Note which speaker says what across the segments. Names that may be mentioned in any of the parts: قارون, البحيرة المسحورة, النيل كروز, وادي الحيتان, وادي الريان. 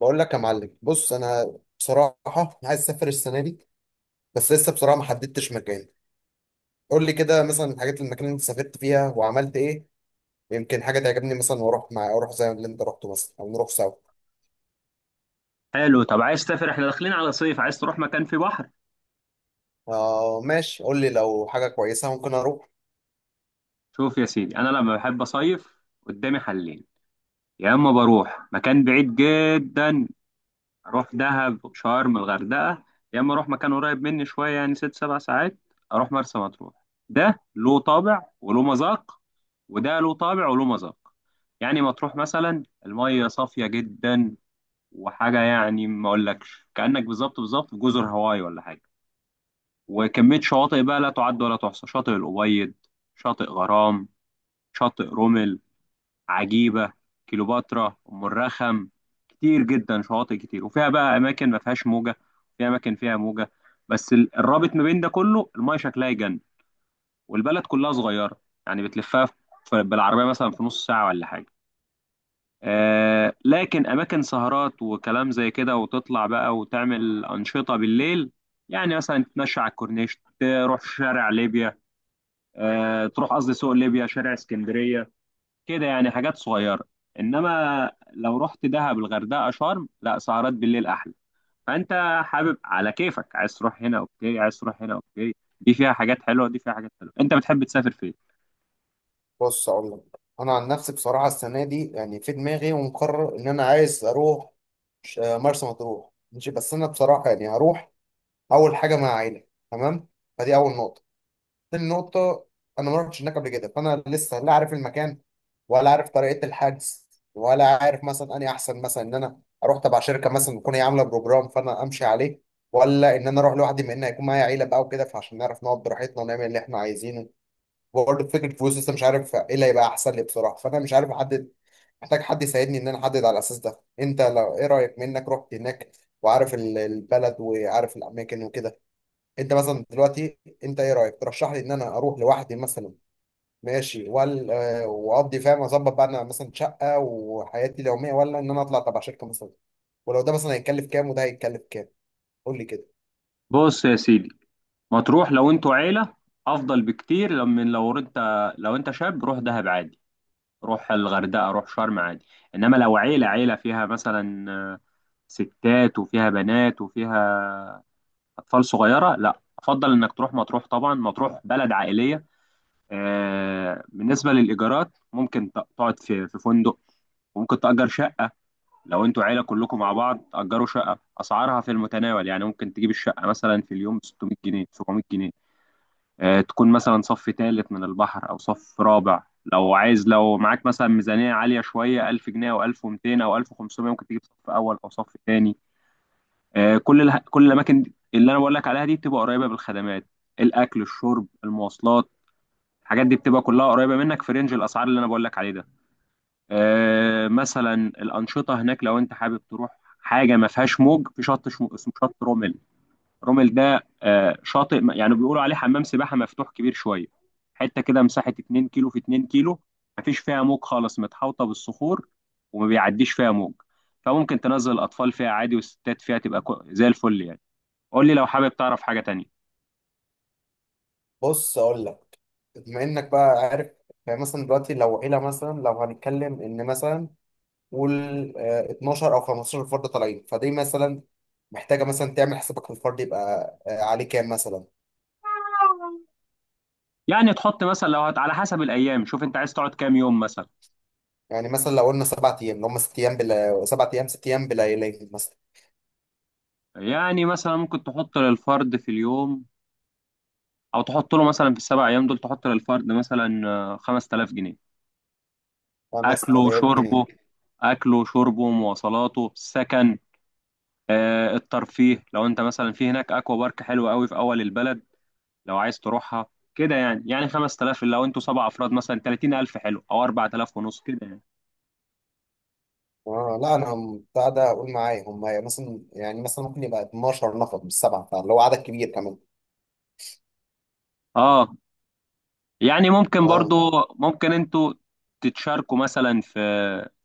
Speaker 1: بقول لك يا معلم، بص، انا بصراحه عايز اسافر السنه دي، بس لسه بصراحه ما حددتش مكان. قول لي كده مثلا الحاجات، المكان اللي انت سافرت فيها وعملت ايه. يمكن حاجه تعجبني مثلا واروح، اروح زي اللي انت رحته مثلا، او نروح سوا.
Speaker 2: حلو. طب عايز تسافر؟ احنا داخلين على صيف، عايز تروح مكان فيه بحر؟
Speaker 1: آه ماشي، قول لي لو حاجه كويسه ممكن اروح.
Speaker 2: شوف يا سيدي، انا لما بحب اصيف قدامي حلين. يا اما بروح مكان بعيد جدا، اروح دهب، شرم، الغردقه. يا اما اروح مكان قريب مني شويه، يعني ست سبع ساعات، اروح مرسى مطروح. ده له طابع وله مذاق، وده له طابع وله مذاق. يعني مطروح مثلا الميه صافيه جدا، وحاجه يعني ما اقولكش كانك بالظبط بالظبط في جزر هاواي ولا حاجه. وكمية شواطئ بقى لا تعد ولا تحصى: شاطئ الأبيض، شاطئ غرام، شاطئ رومل، عجيبة، كيلوباترا، أم الرخم. كتير جدا شواطئ كتير، وفيها بقى أماكن ما فيهاش موجة، وفيها أماكن فيها موجة. بس الرابط ما بين ده كله المايه شكلها يجنن. والبلد كلها صغيرة، يعني بتلفها بالعربية مثلا في نص ساعة ولا حاجة. آه، لكن أماكن سهرات وكلام زي كده، وتطلع بقى وتعمل أنشطة بالليل. يعني مثلا تتمشى على الكورنيش، تروح شارع ليبيا، تروح قصدي سوق ليبيا، شارع اسكندريه. كده يعني حاجات صغيره. انما لو رحت دهب، الغردقه، شرم، لا سهرات بالليل احلى. فانت حابب على كيفك، عايز تروح هنا اوكي، عايز تروح هنا اوكي. دي فيها حاجات حلوه، دي فيها حاجات حلوه. انت بتحب تسافر فين؟
Speaker 1: بص اقول لك، انا عن نفسي بصراحه السنه دي يعني في دماغي ومقرر ان انا عايز اروح. مرسى مطروح، ماشي، بس انا بصراحه يعني هروح اول حاجه مع عائله، تمام؟ فدي اول نقطه. تاني نقطة، أنا ما رحتش هناك قبل كده، فأنا لسه لا عارف المكان، ولا عارف طريقة الحجز، ولا عارف مثلا أني أحسن مثلا إن أنا أروح تبع شركة مثلا تكون هي عاملة بروجرام فأنا أمشي عليه، ولا إن أنا أروح لوحدي، بما إن هيكون معايا عيلة بقى وكده، فعشان نعرف نقعد براحتنا ونعمل اللي إحنا عايزينه. وبرضه فكرة فلوس، لسه مش عارف إيه اللي هيبقى أحسن لي بصراحة، فأنا مش عارف أحدد. محتاج حد يساعدني إن أنا أحدد على الأساس ده. أنت لو إيه رأيك، منك رحت هناك وعارف البلد وعارف الأماكن وكده. انت مثلا دلوقتي انت ايه رايك، ترشح لي ان انا اروح لوحدي مثلا ماشي، وال آه، واقضي، فاهم، اظبط بقى انا مثلا شقه وحياتي اليوميه، ولا ان انا اطلع تبع شركه مثلا؟ ولو ده مثلا هيتكلف كام وده هيتكلف كام؟ قول لي كده.
Speaker 2: بص يا سيدي، مطروح لو انتوا عيله افضل بكتير. لما لو انت، لو انت شاب، روح دهب عادي، روح الغردقه، روح شرم عادي. انما لو عيله، عيله فيها مثلا ستات وفيها بنات وفيها اطفال صغيره، لا، افضل انك تروح مطروح. طبعا مطروح بلد عائليه. بالنسبه للايجارات ممكن تقعد في فندق، وممكن تأجر شقة. لو انتوا عيلة كلكم مع بعض تأجروا شقة، أسعارها في المتناول، يعني ممكن تجيب الشقة مثلا في اليوم 600 جنيه، 700 جنيه، تكون مثلا صف ثالث من البحر أو صف رابع. لو عايز، لو معاك مثلا ميزانية عالية شوية، 1000 جنيه أو 1200 أو 1500، ممكن تجيب صف أول أو صف ثاني. كل كل الاماكن اللي انا بقول لك عليها دي بتبقى قريبه بالخدمات: الاكل، الشرب، المواصلات. الحاجات دي بتبقى كلها قريبه منك في رينج الاسعار اللي انا بقول لك عليه ده. مثلا الانشطه هناك لو انت حابب تروح. حاجه ما فيهاش موج، في شط اسمه شط رومل. رومل ده شاطئ يعني بيقولوا عليه حمام سباحه مفتوح كبير شويه. حته كده مساحه 2 كيلو في 2 كيلو، مفيش فيها موج خالص، متحوطه بالصخور وما بيعديش فيها موج. فممكن تنزل الاطفال فيها عادي، والستات فيها تبقى زي الفل يعني. قول لي لو حابب تعرف حاجة تانية.
Speaker 1: بص اقول لك، بما انك بقى عارف. مثلا دلوقتي لو عيله، مثلا لو هنتكلم ان مثلا، قول، آه، 12 او 15 فرد طالعين، فدي مثلا محتاجه مثلا تعمل حسابك في الفرد، يبقى آه، عليه كام مثلا؟
Speaker 2: يعني تحط مثلا، لو على حسب الأيام، شوف أنت عايز تقعد كام يوم مثلا.
Speaker 1: يعني مثلا لو قلنا سبع ايام، اللي هم ست ايام، بلا سبع ايام ست ايام بليالي مثلا،
Speaker 2: يعني مثلا ممكن تحط للفرد في اليوم، أو تحط له مثلا في السبع أيام دول تحط للفرد مثلا 5000 جنيه. أكله،
Speaker 1: 5000 جنيه؟
Speaker 2: شربه. أكله، شربه، مواصلاته، سكن. الترفيه لو أنت مثلا، في هناك أكوا بارك حلوة قوي في أول البلد، لو عايز تروحها. كده يعني، 5000 لو أنتوا سبع أفراد مثلا 30000، حلو، أو 4000 ونص كده يعني.
Speaker 1: اه لا، انا بتاع ده اقول معايا هم يعني مثلا، يعني مثلا ممكن يبقى 12 نفر مش سبعه، فاللي هو عدد كبير كمان.
Speaker 2: اه، يعني ممكن
Speaker 1: اه.
Speaker 2: برضو. ممكن انتوا تتشاركوا مثلا في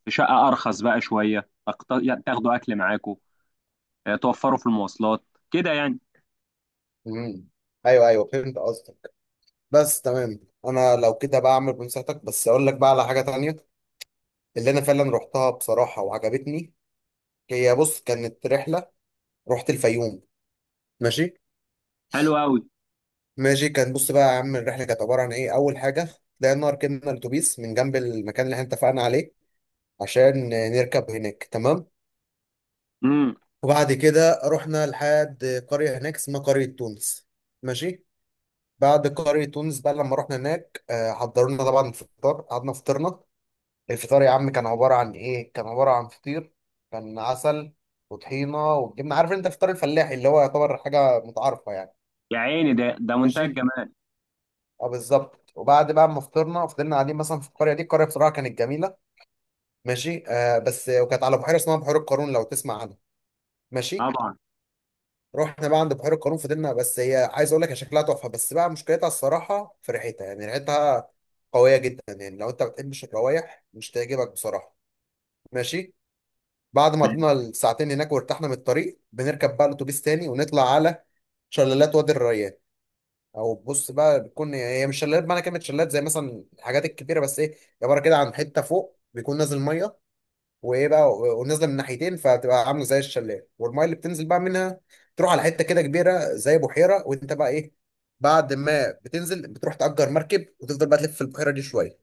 Speaker 2: في شقة أرخص بقى شوية، يعني تاخدوا أكل معاكوا، توفروا في المواصلات. كده يعني.
Speaker 1: امم ايوه ايوه، فهمت قصدك، بس تمام. انا لو كده بعمل بنصيحتك، بس اقول لك بقى على حاجه تانية اللي انا فعلا رحتها بصراحه وعجبتني. هي بص، كانت رحله، رحت الفيوم، ماشي؟
Speaker 2: حلو أوي.
Speaker 1: ماشي. كان بص بقى يا عم، الرحله كانت عباره عن ايه اول حاجه؟ طلعنا ركبنا الاتوبيس من جنب المكان اللي احنا اتفقنا عليه عشان نركب هناك، تمام.
Speaker 2: امم
Speaker 1: وبعد كده رحنا لحد قريه هناك اسمها قريه تونس، ماشي. بعد قريه تونس بقى لما رحنا هناك، آه، حضروا لنا طبعا الفطار، قعدنا فطرنا. الفطار يا عم كان عباره عن ايه؟ كان عباره عن فطير، كان عسل، وطحينه، وجبنه، عارف انت فطار الفلاحي اللي هو يعتبر حاجه متعارفه يعني.
Speaker 2: يا عيني، ده منتهى
Speaker 1: ماشي.
Speaker 2: الجمال.
Speaker 1: اه بالظبط. وبعد بقى ما فطرنا، فضلنا قاعدين مثلا في القريه دي. القريه بصراحه كانت جميله، ماشي، آه، بس وكانت على بحيره اسمها بحيره قارون، لو تسمع عنها. ماشي.
Speaker 2: طبعا.
Speaker 1: رحنا بقى عند بحيره قارون، فضلنا، بس هي عايز اقول لك، هي شكلها تحفه، بس بقى مشكلتها الصراحه في ريحتها، يعني ريحتها قويه جدا، يعني لو انت ما بتحبش الروايح مش تعجبك بصراحه. ماشي. بعد ما
Speaker 2: ماشي.
Speaker 1: قضينا الساعتين هناك وارتحنا من الطريق، بنركب بقى الاتوبيس تاني ونطلع على شلالات وادي الريان. او بص بقى، بتكون هي مش شلالات بمعنى كلمه شلالات زي مثلا الحاجات الكبيره، بس ايه، عباره كده عن حته فوق بيكون نازل ميه، وايه بقى، ونازله من ناحيتين، فبتبقى عامله زي الشلال، والميه اللي بتنزل بقى منها تروح على حته كده كبيره زي بحيره. وانت بقى ايه، بعد ما بتنزل بتروح تأجر مركب وتفضل بقى تلف في البحيره دي شويه.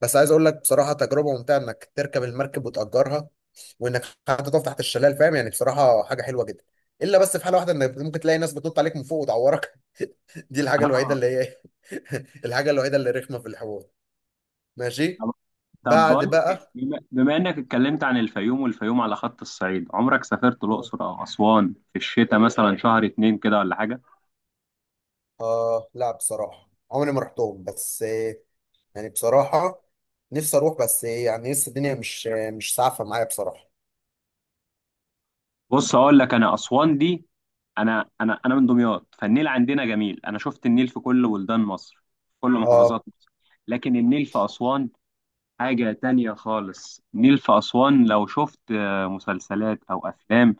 Speaker 1: بس عايز اقول لك بصراحه، تجربه ممتعه انك تركب المركب وتأجرها، وانك حتى تقف تحت الشلال، فاهم يعني، بصراحه حاجه حلوه جدا. الا بس في حاله واحده، انك ممكن تلاقي ناس بتنط عليك من فوق وتعورك، دي الحاجة الوحيدة
Speaker 2: آه.
Speaker 1: اللي هي إيه؟ الحاجة الوحيدة اللي رخمة في الحوار. ماشي.
Speaker 2: طب طب
Speaker 1: بعد
Speaker 2: بقول لك إيه،
Speaker 1: بقى،
Speaker 2: بما إنك اتكلمت عن الفيوم، والفيوم على خط الصعيد، عمرك سافرت الأقصر أو أسوان في الشتاء مثلا شهر اتنين كده ولا حاجة؟
Speaker 1: آه لا بصراحة عمري ما رحتهم، بس آه، يعني بصراحة نفسي أروح، بس آه، يعني لسه الدنيا مش، آه، مش سعفة معايا بصراحة.
Speaker 2: بص أقول لك، أنا أسوان دي، انا من دمياط، فالنيل عندنا جميل. انا شفت النيل في كل بلدان مصر، في كل
Speaker 1: آه
Speaker 2: محافظات مصر، لكن النيل في اسوان حاجة تانية خالص. النيل في اسوان لو شفت مسلسلات او افلام،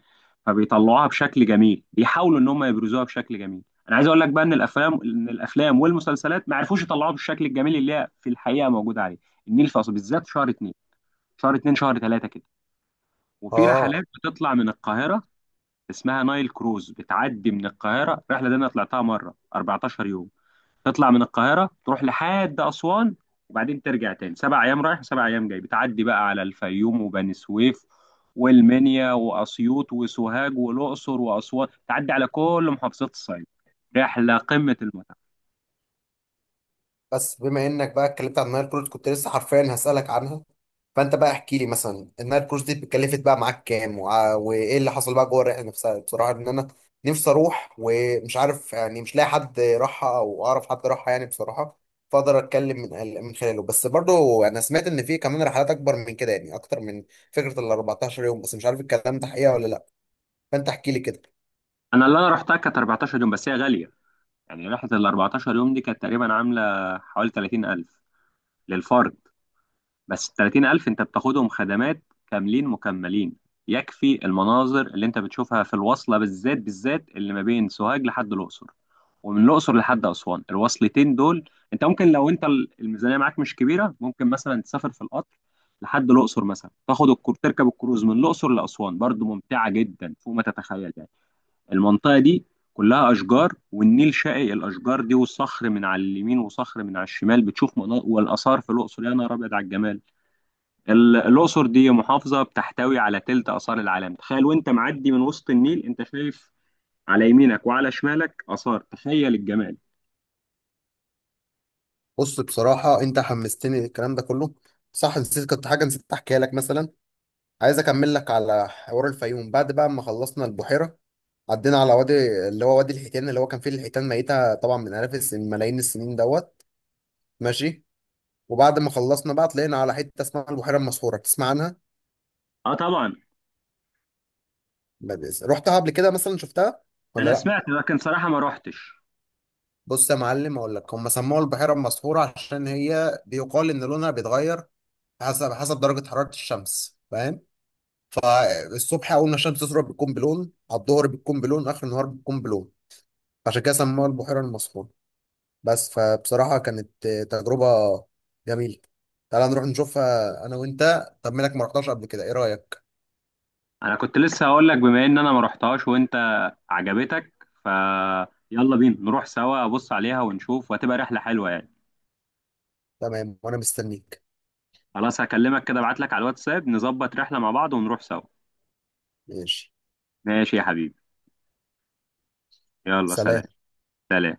Speaker 2: فبيطلعوها بشكل جميل، بيحاولوا ان هم يبرزوها بشكل جميل. انا عايز اقول لك بقى ان الافلام والمسلسلات ما عرفوش يطلعوها بالشكل الجميل اللي هي في الحقيقة موجودة عليه. النيل في اسوان بالذات شهر اتنين، شهر تلاتة كده. وفي
Speaker 1: آه.
Speaker 2: رحلات بتطلع من القاهرة اسمها نايل كروز، بتعدي من القاهرة. الرحلة دي أنا طلعتها مرة 14 يوم. تطلع من القاهرة تروح لحد أسوان، وبعدين ترجع تاني، سبع أيام رايح وسبع أيام جاي. بتعدي بقى على الفيوم وبني سويف والمنيا وأسيوط وسوهاج والأقصر وأسوان، تعدي على كل محافظات الصعيد. رحلة قمة المتعة.
Speaker 1: بس بما انك بقى اتكلمت عن النايل كروز، كنت لسه حرفيا هسألك عنها. فانت بقى احكي لي مثلا، النايل كروز دي اتكلفت بقى معاك كام، وايه اللي حصل بقى جوه الرحله نفسها، بصراحه ان انا نفسي اروح ومش عارف، يعني مش لاقي حد راحها او اعرف حد راحها يعني بصراحه، فاقدر اتكلم من خلاله. بس برضو انا سمعت ان في كمان رحلات اكبر من كده، يعني اكتر من فكره ال 14 يوم، بس مش عارف الكلام ده حقيقه ولا لا، فانت احكي لي كده.
Speaker 2: أنا اللي أنا رحتها كانت 14 يوم، بس هي غالية. يعني رحلة ال 14 يوم دي كانت تقريبا عاملة حوالي 30000 للفرد، بس ال 30000 أنت بتاخدهم خدمات كاملين مكملين. يكفي المناظر اللي أنت بتشوفها في الوصلة، بالذات بالذات اللي ما بين سوهاج لحد الأقصر، ومن الأقصر لحد أسوان. الوصلتين دول أنت ممكن، لو أنت الميزانية معاك مش كبيرة، ممكن مثلا تسافر في القطر لحد الأقصر مثلا، تركب الكروز من الأقصر لأسوان، برضو ممتعة جدا فوق ما تتخيل يعني. المنطقة دي كلها أشجار، والنيل شاقي الأشجار دي، والصخر من على اليمين وصخر من على الشمال، بتشوف مناظر. والآثار في الأقصر، يا نهار أبيض على الجمال. الأقصر دي محافظة بتحتوي على تلت آثار العالم، تخيل. وانت معدي من وسط النيل انت شايف على يمينك وعلى شمالك آثار، تخيل الجمال.
Speaker 1: بص بصراحه انت حمستني الكلام ده كله. صح نسيت، كنت حاجه نسيت احكيها لك مثلا، عايز اكمل لك على حوار الفيوم. بعد بقى ما خلصنا البحيره، عدينا على وادي، اللي هو وادي الحيتان، اللي هو كان فيه الحيتان ميته طبعا من الاف السنين، ملايين السنين دوت. ماشي. وبعد ما خلصنا بقى طلعنا على حته اسمها البحيره المسحوره، تسمع عنها؟
Speaker 2: اه طبعا.
Speaker 1: ما بيس- رحتها قبل كده مثلا، شفتها ولا
Speaker 2: انا
Speaker 1: لا؟
Speaker 2: سمعت لكن صراحة ما روحتش.
Speaker 1: بص يا معلم اقول لك، هم سموها البحيره المسحوره عشان هي بيقال ان لونها بيتغير حسب، حسب درجه حراره الشمس، فاهم؟ الصبح اول ما الشمس تظهر بتكون بلون، على الظهر بتكون بلون، اخر النهار بتكون بلون، عشان كده سموها البحيره المسحوره. بس فبصراحة كانت تجربة جميلة. تعالى نروح نشوفها أنا وأنت، طب مالك ما رحتهاش قبل كده، إيه رأيك؟
Speaker 2: انا كنت لسه هقول لك، بما ان انا ما روحتهاش وانت عجبتك، ف يلا بينا نروح سوا، ابص عليها ونشوف، وهتبقى رحلة حلوة يعني.
Speaker 1: تمام وأنا مستنيك.
Speaker 2: خلاص هكلمك كده، ابعت لك على الواتساب، نظبط رحلة مع بعض ونروح سوا.
Speaker 1: ماشي.
Speaker 2: ماشي يا حبيبي. يلا سلام.
Speaker 1: سلام.
Speaker 2: سلام.